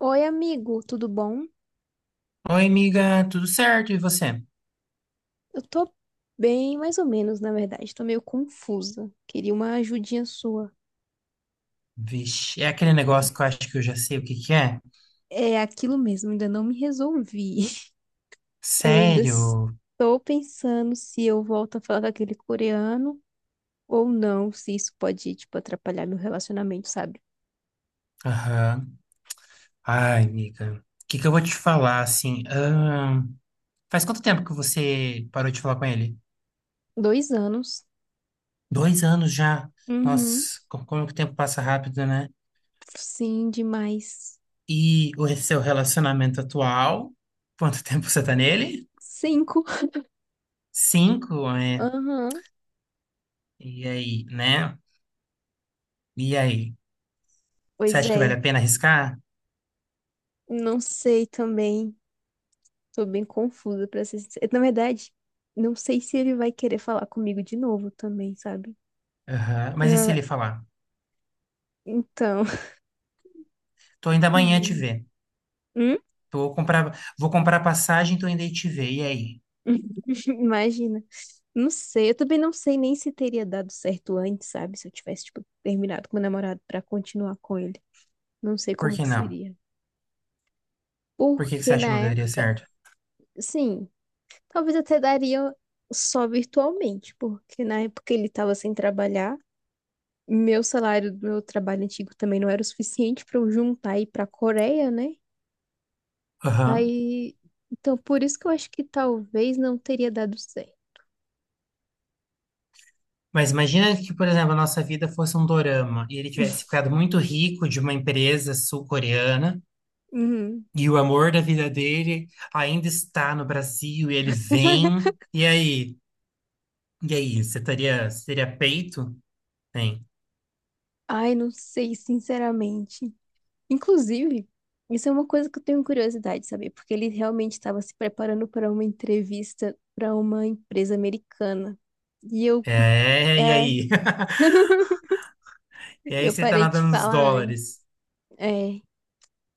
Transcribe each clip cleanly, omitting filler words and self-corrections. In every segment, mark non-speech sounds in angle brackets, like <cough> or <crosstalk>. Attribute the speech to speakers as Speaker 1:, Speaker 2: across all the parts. Speaker 1: Oi, amigo, tudo bom?
Speaker 2: Oi, amiga, tudo certo? E você?
Speaker 1: Eu tô bem, mais ou menos, na verdade. Tô meio confusa. Queria uma ajudinha sua.
Speaker 2: Vixe, é aquele negócio que eu acho que eu já sei o que que é?
Speaker 1: É aquilo mesmo, ainda não me resolvi. <laughs> Eu ainda
Speaker 2: Sério?
Speaker 1: estou pensando se eu volto a falar com aquele coreano ou não, se isso pode, tipo, atrapalhar meu relacionamento, sabe?
Speaker 2: Aham. Ai, amiga, o que que eu vou te falar, assim? Faz quanto tempo que você parou de falar com ele?
Speaker 1: 2 anos.
Speaker 2: Dois anos já.
Speaker 1: Uhum.
Speaker 2: Nossa, como que o tempo passa rápido, né?
Speaker 1: Sim, demais.
Speaker 2: E o seu relacionamento atual? Quanto <laughs> tempo você tá nele?
Speaker 1: Cinco. <laughs>
Speaker 2: Cinco, é.
Speaker 1: Aham.
Speaker 2: E aí, né? E aí? Você
Speaker 1: Pois
Speaker 2: acha que vale
Speaker 1: é.
Speaker 2: a pena arriscar?
Speaker 1: Não sei também. Tô bem confusa pra ser sincera. Na verdade, não sei se ele vai querer falar comigo de novo também, sabe?
Speaker 2: Aham. Mas e se
Speaker 1: Ah,
Speaker 2: ele falar?
Speaker 1: então. <laughs>
Speaker 2: Tô indo
Speaker 1: Pois
Speaker 2: amanhã te
Speaker 1: é.
Speaker 2: ver.
Speaker 1: Hum?
Speaker 2: Vou comprar passagem, tô indo aí te ver. E aí?
Speaker 1: <laughs> Imagina. Não sei, eu também não sei nem se teria dado certo antes, sabe? Se eu tivesse, tipo, terminado com meu namorado pra continuar com ele. Não sei
Speaker 2: Por
Speaker 1: como
Speaker 2: que
Speaker 1: que
Speaker 2: não?
Speaker 1: seria.
Speaker 2: Por que que você
Speaker 1: Porque
Speaker 2: acha que
Speaker 1: na
Speaker 2: não daria
Speaker 1: época,
Speaker 2: certo?
Speaker 1: sim, talvez até daria só virtualmente, porque na época ele tava sem trabalhar. Meu salário do meu trabalho antigo também não era o suficiente para eu juntar e ir para a Coreia, né?
Speaker 2: Aham.
Speaker 1: Aí, então por isso que eu acho que talvez não teria dado certo.
Speaker 2: Mas imagina que, por exemplo, a nossa vida fosse um dorama e ele tivesse ficado muito rico de uma empresa sul-coreana
Speaker 1: Uhum.
Speaker 2: e o amor da vida dele ainda está no Brasil e ele vem. E aí? E aí? Você teria peito? Tem.
Speaker 1: Ai, não sei, sinceramente. Inclusive, isso é uma coisa que eu tenho curiosidade de saber, porque ele realmente estava se preparando para uma entrevista para uma empresa americana. E eu,
Speaker 2: É, e
Speaker 1: é,
Speaker 2: aí? <laughs> E aí
Speaker 1: eu
Speaker 2: você tá
Speaker 1: parei de
Speaker 2: nadando nos
Speaker 1: falar antes.
Speaker 2: dólares?
Speaker 1: É.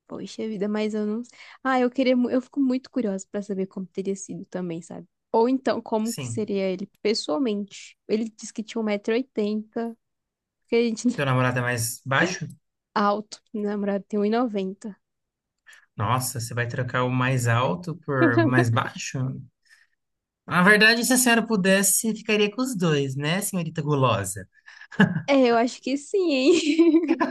Speaker 1: Poxa vida, mas eu não. Ah, eu queria. Eu fico muito curiosa pra saber como teria sido também, sabe? Ou então, como que
Speaker 2: Sim.
Speaker 1: seria ele pessoalmente? Ele disse que tinha 1,80 m porque a gente <laughs>
Speaker 2: Teu namorado é mais baixo?
Speaker 1: alto, meu namorado tem um e noventa.
Speaker 2: Nossa, você vai trocar o mais alto por mais baixo? Na verdade, se a senhora pudesse, ficaria com os dois, né, senhorita gulosa?
Speaker 1: É, eu acho que sim, hein? <laughs>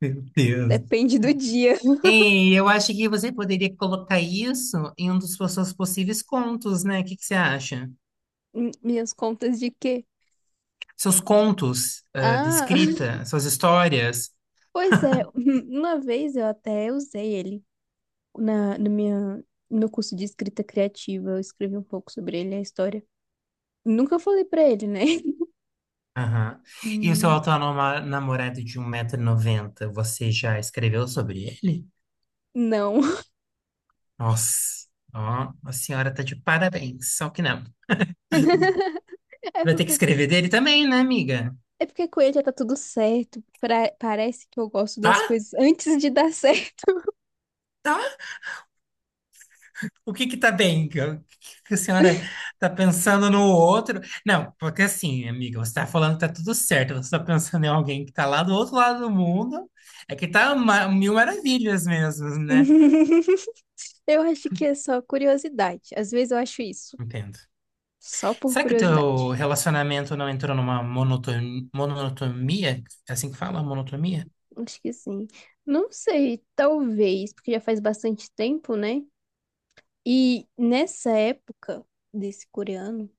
Speaker 2: Meu Deus.
Speaker 1: Depende do dia.
Speaker 2: Ei, eu acho que você poderia colocar isso em um dos seus possíveis contos, né? O que que você acha?
Speaker 1: Minhas contas de quê?
Speaker 2: Seus contos, ah, de
Speaker 1: Ah, <laughs>
Speaker 2: escrita, suas histórias.
Speaker 1: pois é. Uma vez eu até usei ele na, na minha, no meu curso de escrita criativa. Eu escrevi um pouco sobre ele, a história. Nunca falei pra ele, né? <laughs>
Speaker 2: Aham. E o seu
Speaker 1: Hum,
Speaker 2: atual namorado de um 190 noventa, você já escreveu sobre ele?
Speaker 1: Não.
Speaker 2: Nossa, ó, a senhora tá de parabéns, só que não.
Speaker 1: <laughs> É
Speaker 2: Vai ter que
Speaker 1: porque,
Speaker 2: escrever dele também, né, amiga?
Speaker 1: é porque com ele já tá tudo certo. Parece que eu gosto
Speaker 2: Tá?
Speaker 1: das coisas antes de dar certo.
Speaker 2: Tá? O que que tá bem? O que que a senhora tá pensando no outro? Não, porque assim, amiga, você tá falando que tá tudo certo, você tá pensando em alguém que tá lá do outro lado do mundo, é que tá mil maravilhas mesmo, né?
Speaker 1: <laughs> Eu acho que é só curiosidade. Às vezes eu acho isso.
Speaker 2: Entendo.
Speaker 1: Só por
Speaker 2: Será que o teu
Speaker 1: curiosidade.
Speaker 2: relacionamento não entrou numa monotonia? É assim que fala? Monotonia?
Speaker 1: Acho que sim. Não sei, talvez, porque já faz bastante tempo, né? E nessa época desse coreano.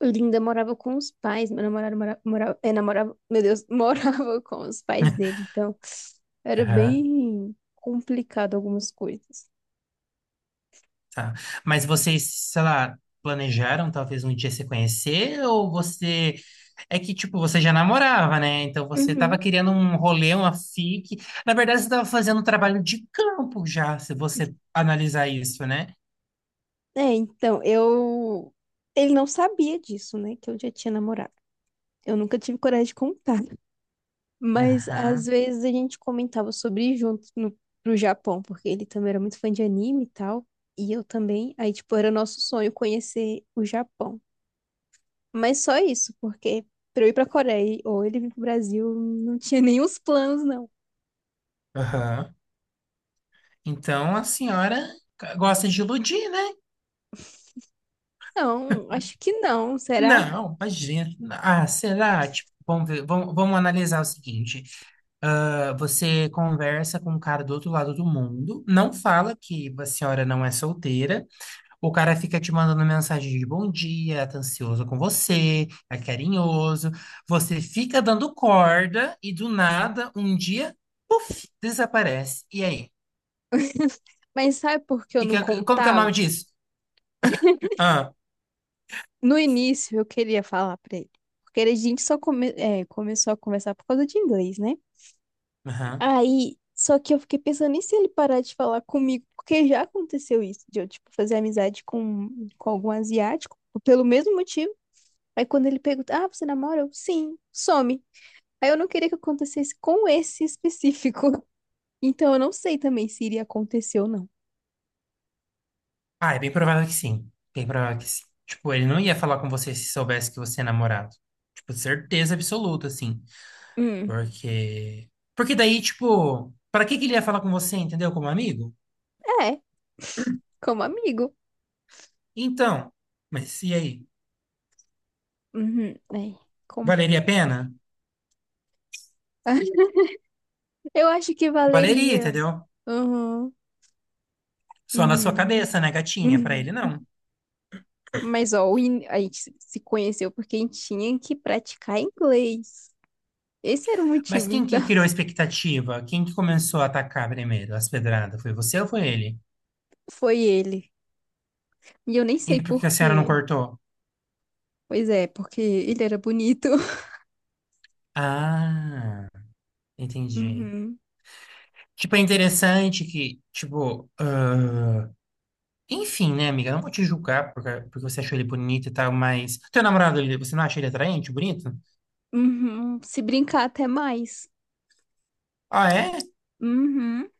Speaker 1: Linda morava com os pais, meu namorado morava, é, namorava, meu Deus, <laughs> morava com os pais
Speaker 2: <laughs>
Speaker 1: dele, então era
Speaker 2: Aham.
Speaker 1: bem complicado algumas coisas.
Speaker 2: Tá. Mas vocês, sei lá, planejaram talvez um dia se conhecer ou você é que tipo, você já namorava, né? Então você tava
Speaker 1: Uhum.
Speaker 2: querendo um rolê, uma fique. Na verdade, você tava fazendo um trabalho de campo já, se você analisar isso, né?
Speaker 1: É, então eu. Ele não sabia disso, né? Que eu já tinha namorado. Eu nunca tive coragem de contar. <laughs> Mas às
Speaker 2: Aham.
Speaker 1: vezes a gente comentava sobre ir juntos no, pro Japão, porque ele também era muito fã de anime e tal. E eu também. Aí, tipo, era nosso sonho conhecer o Japão. Mas só isso, porque pra eu ir pra Coreia ou ele vir pro Brasil, não tinha <laughs> nem os planos, não.
Speaker 2: Aham. Então a senhora gosta de iludir, né?
Speaker 1: Não, acho que não, será?
Speaker 2: Não, imagina. Ah, será? Tipo, vamos ver, vamos analisar o seguinte. Ah, você conversa com um cara do outro lado do mundo, não fala que a senhora não é solteira, o cara fica te mandando mensagem de bom dia, tá ansioso com você, é carinhoso, você fica dando corda e do nada, um dia, puf, desaparece. E aí?
Speaker 1: <laughs> Mas sabe por que eu
Speaker 2: Que
Speaker 1: não
Speaker 2: como que é o nome
Speaker 1: contava?
Speaker 2: disso? Ah,
Speaker 1: No início eu queria falar pra ele. Porque a gente só começou a conversar por causa de inglês, né?
Speaker 2: aham.
Speaker 1: Aí, só que eu fiquei pensando, e se ele parar de falar comigo? Porque já aconteceu isso, de eu, tipo, fazer amizade com algum asiático, pelo mesmo motivo. Aí quando ele pergunta, ah, você namora? Eu, sim, some. Aí eu não queria que acontecesse com esse específico. <laughs> Então eu não sei também se iria acontecer ou não.
Speaker 2: Ah, é bem provável que sim. Bem provável que sim. Tipo, ele não ia falar com você se soubesse que você é namorado. Tipo, certeza absoluta, assim.
Speaker 1: Hum.
Speaker 2: Porque. Porque daí, tipo, pra que que ele ia falar com você, entendeu? Como amigo?
Speaker 1: É, como amigo.
Speaker 2: Então, mas e aí?
Speaker 1: Uhum. É, como...
Speaker 2: Valeria a pena?
Speaker 1: <laughs> Eu acho que
Speaker 2: Valeria,
Speaker 1: valeria.
Speaker 2: entendeu?
Speaker 1: Uhum.
Speaker 2: Só na sua cabeça,
Speaker 1: Uhum.
Speaker 2: né, gatinha? Pra
Speaker 1: Uhum.
Speaker 2: ele, não.
Speaker 1: Mas, ó, a gente se conheceu porque a gente tinha que praticar inglês. Esse era o
Speaker 2: Mas
Speaker 1: motivo,
Speaker 2: quem
Speaker 1: então.
Speaker 2: que criou a expectativa? Quem que começou a atacar primeiro as pedradas? Foi você ou foi ele?
Speaker 1: <laughs> Foi ele. E eu nem
Speaker 2: E
Speaker 1: sei
Speaker 2: por que
Speaker 1: por
Speaker 2: a senhora não
Speaker 1: quê.
Speaker 2: cortou?
Speaker 1: Pois é, porque ele era bonito. <laughs>
Speaker 2: Ah, entendi.
Speaker 1: Uhum.
Speaker 2: Tipo, é interessante que, tipo, ah, enfim, né, amiga? Eu não vou te julgar porque, você achou ele bonito e tal, mas. Teu namorado, você não acha ele atraente, bonito?
Speaker 1: Uhum. Se brincar até mais.
Speaker 2: Ah, é?
Speaker 1: Uhum.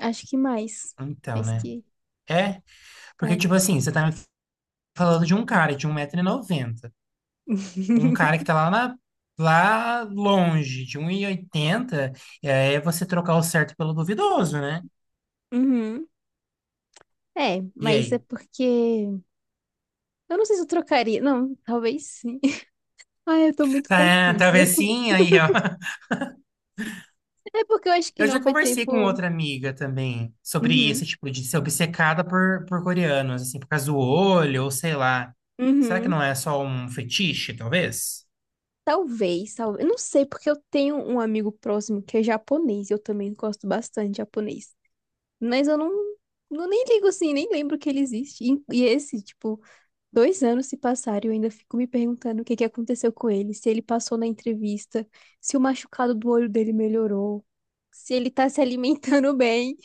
Speaker 1: Acho que mais.
Speaker 2: Então,
Speaker 1: Mais
Speaker 2: né?
Speaker 1: que.
Speaker 2: É? Porque,
Speaker 1: Ah.
Speaker 2: tipo assim, você tá me falando de um cara de um metro e noventa com um
Speaker 1: <laughs>
Speaker 2: cara que tá lá, lá longe, de 1,80 m, e oitenta, e aí é você trocar o certo pelo duvidoso, né?
Speaker 1: Uhum. É,
Speaker 2: E
Speaker 1: mas é
Speaker 2: aí?
Speaker 1: porque. Eu não sei se eu trocaria. Não, talvez sim. <laughs> Ai, eu tô muito
Speaker 2: Tá,
Speaker 1: confusa.
Speaker 2: talvez sim, aí, ó.
Speaker 1: É porque eu acho que
Speaker 2: Eu
Speaker 1: não
Speaker 2: já
Speaker 1: foi
Speaker 2: conversei com
Speaker 1: tempo.
Speaker 2: outra amiga também sobre
Speaker 1: Uhum.
Speaker 2: isso, tipo, de ser obcecada por coreanos, assim, por causa do olho, ou sei lá. Será que
Speaker 1: Uhum.
Speaker 2: não é só um fetiche, talvez?
Speaker 1: Talvez, talvez. Eu não sei, porque eu tenho um amigo próximo que é japonês. Eu também gosto bastante de japonês. Mas eu não. Não nem ligo assim, nem lembro que ele existe. E esse, tipo, dois anos se passaram e eu ainda fico me perguntando o que que aconteceu com ele, se ele passou na entrevista, se o machucado do olho dele melhorou, se ele tá se alimentando <laughs> bem.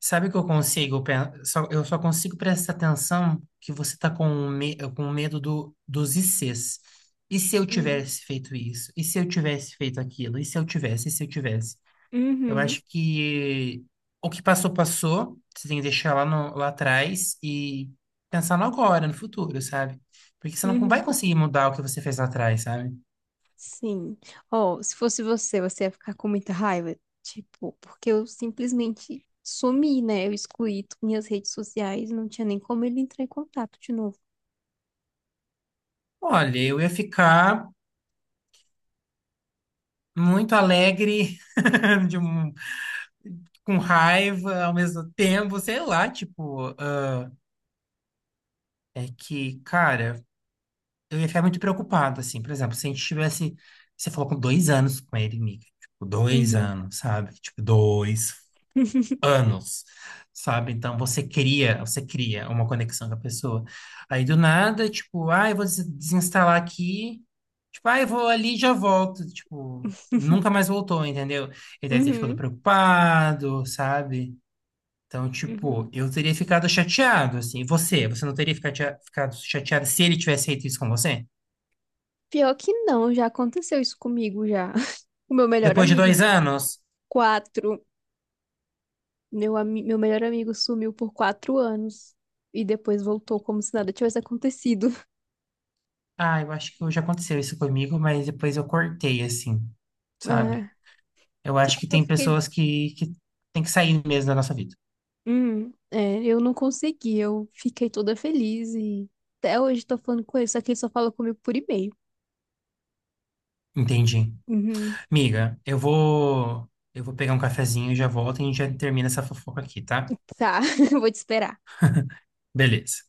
Speaker 2: Sabe o que eu consigo, só, eu só consigo prestar atenção que você tá com medo dos ICs. E se eu
Speaker 1: Hum.
Speaker 2: tivesse feito isso? E se eu tivesse feito aquilo? E se eu tivesse? E se eu tivesse? Eu
Speaker 1: Uhum,
Speaker 2: acho que o que passou, passou. Você tem que deixar lá, lá atrás e pensar no agora, no futuro, sabe? Porque você não vai
Speaker 1: uhum.
Speaker 2: conseguir mudar o que você fez lá atrás, sabe?
Speaker 1: Sim. Ó, se fosse você, você ia ficar com muita raiva. Tipo, porque eu simplesmente sumi, né? Eu excluí minhas redes sociais, não tinha nem como ele entrar em contato de novo.
Speaker 2: Olha, eu ia ficar muito alegre, <laughs> de um- com raiva ao mesmo tempo, sei lá, tipo. Ah, é que, cara, eu ia ficar muito preocupado, assim. Por exemplo, se a gente tivesse. Você falou com dois anos com ele, amiga. Tipo, dois
Speaker 1: Uhum.
Speaker 2: anos, sabe? Tipo, dois
Speaker 1: <laughs>
Speaker 2: anos, sabe? Então você cria, uma conexão com a pessoa. Aí do nada, tipo, ah, eu vou desinstalar aqui, tipo, ah, eu vou ali e já volto, tipo, nunca mais voltou, entendeu? Ele deve ter ficado
Speaker 1: Uhum.
Speaker 2: preocupado, sabe? Então, tipo,
Speaker 1: Uhum.
Speaker 2: eu teria ficado chateado, assim. Você não teria ficado ficado chateado se ele tivesse feito isso com você?
Speaker 1: Pior que não, já aconteceu isso comigo já. <laughs> O meu melhor
Speaker 2: Depois de
Speaker 1: amigo
Speaker 2: dois anos?
Speaker 1: Quatro. Meu melhor amigo sumiu por 4 anos e depois voltou como se nada tivesse acontecido. <laughs>
Speaker 2: Ah, eu acho que já aconteceu isso comigo, mas depois eu cortei, assim, sabe?
Speaker 1: Ah,
Speaker 2: Eu
Speaker 1: só
Speaker 2: acho que
Speaker 1: que eu
Speaker 2: tem
Speaker 1: fiquei.
Speaker 2: pessoas que tem que sair mesmo da nossa vida.
Speaker 1: Eu não consegui. Eu fiquei toda feliz e até hoje tô falando com ele, só que ele só fala comigo por e-mail.
Speaker 2: Entendi.
Speaker 1: Uhum.
Speaker 2: Miga, eu vou pegar um cafezinho e já volto e a gente já termina essa fofoca aqui, tá?
Speaker 1: Tá, <laughs> vou te esperar.
Speaker 2: Beleza.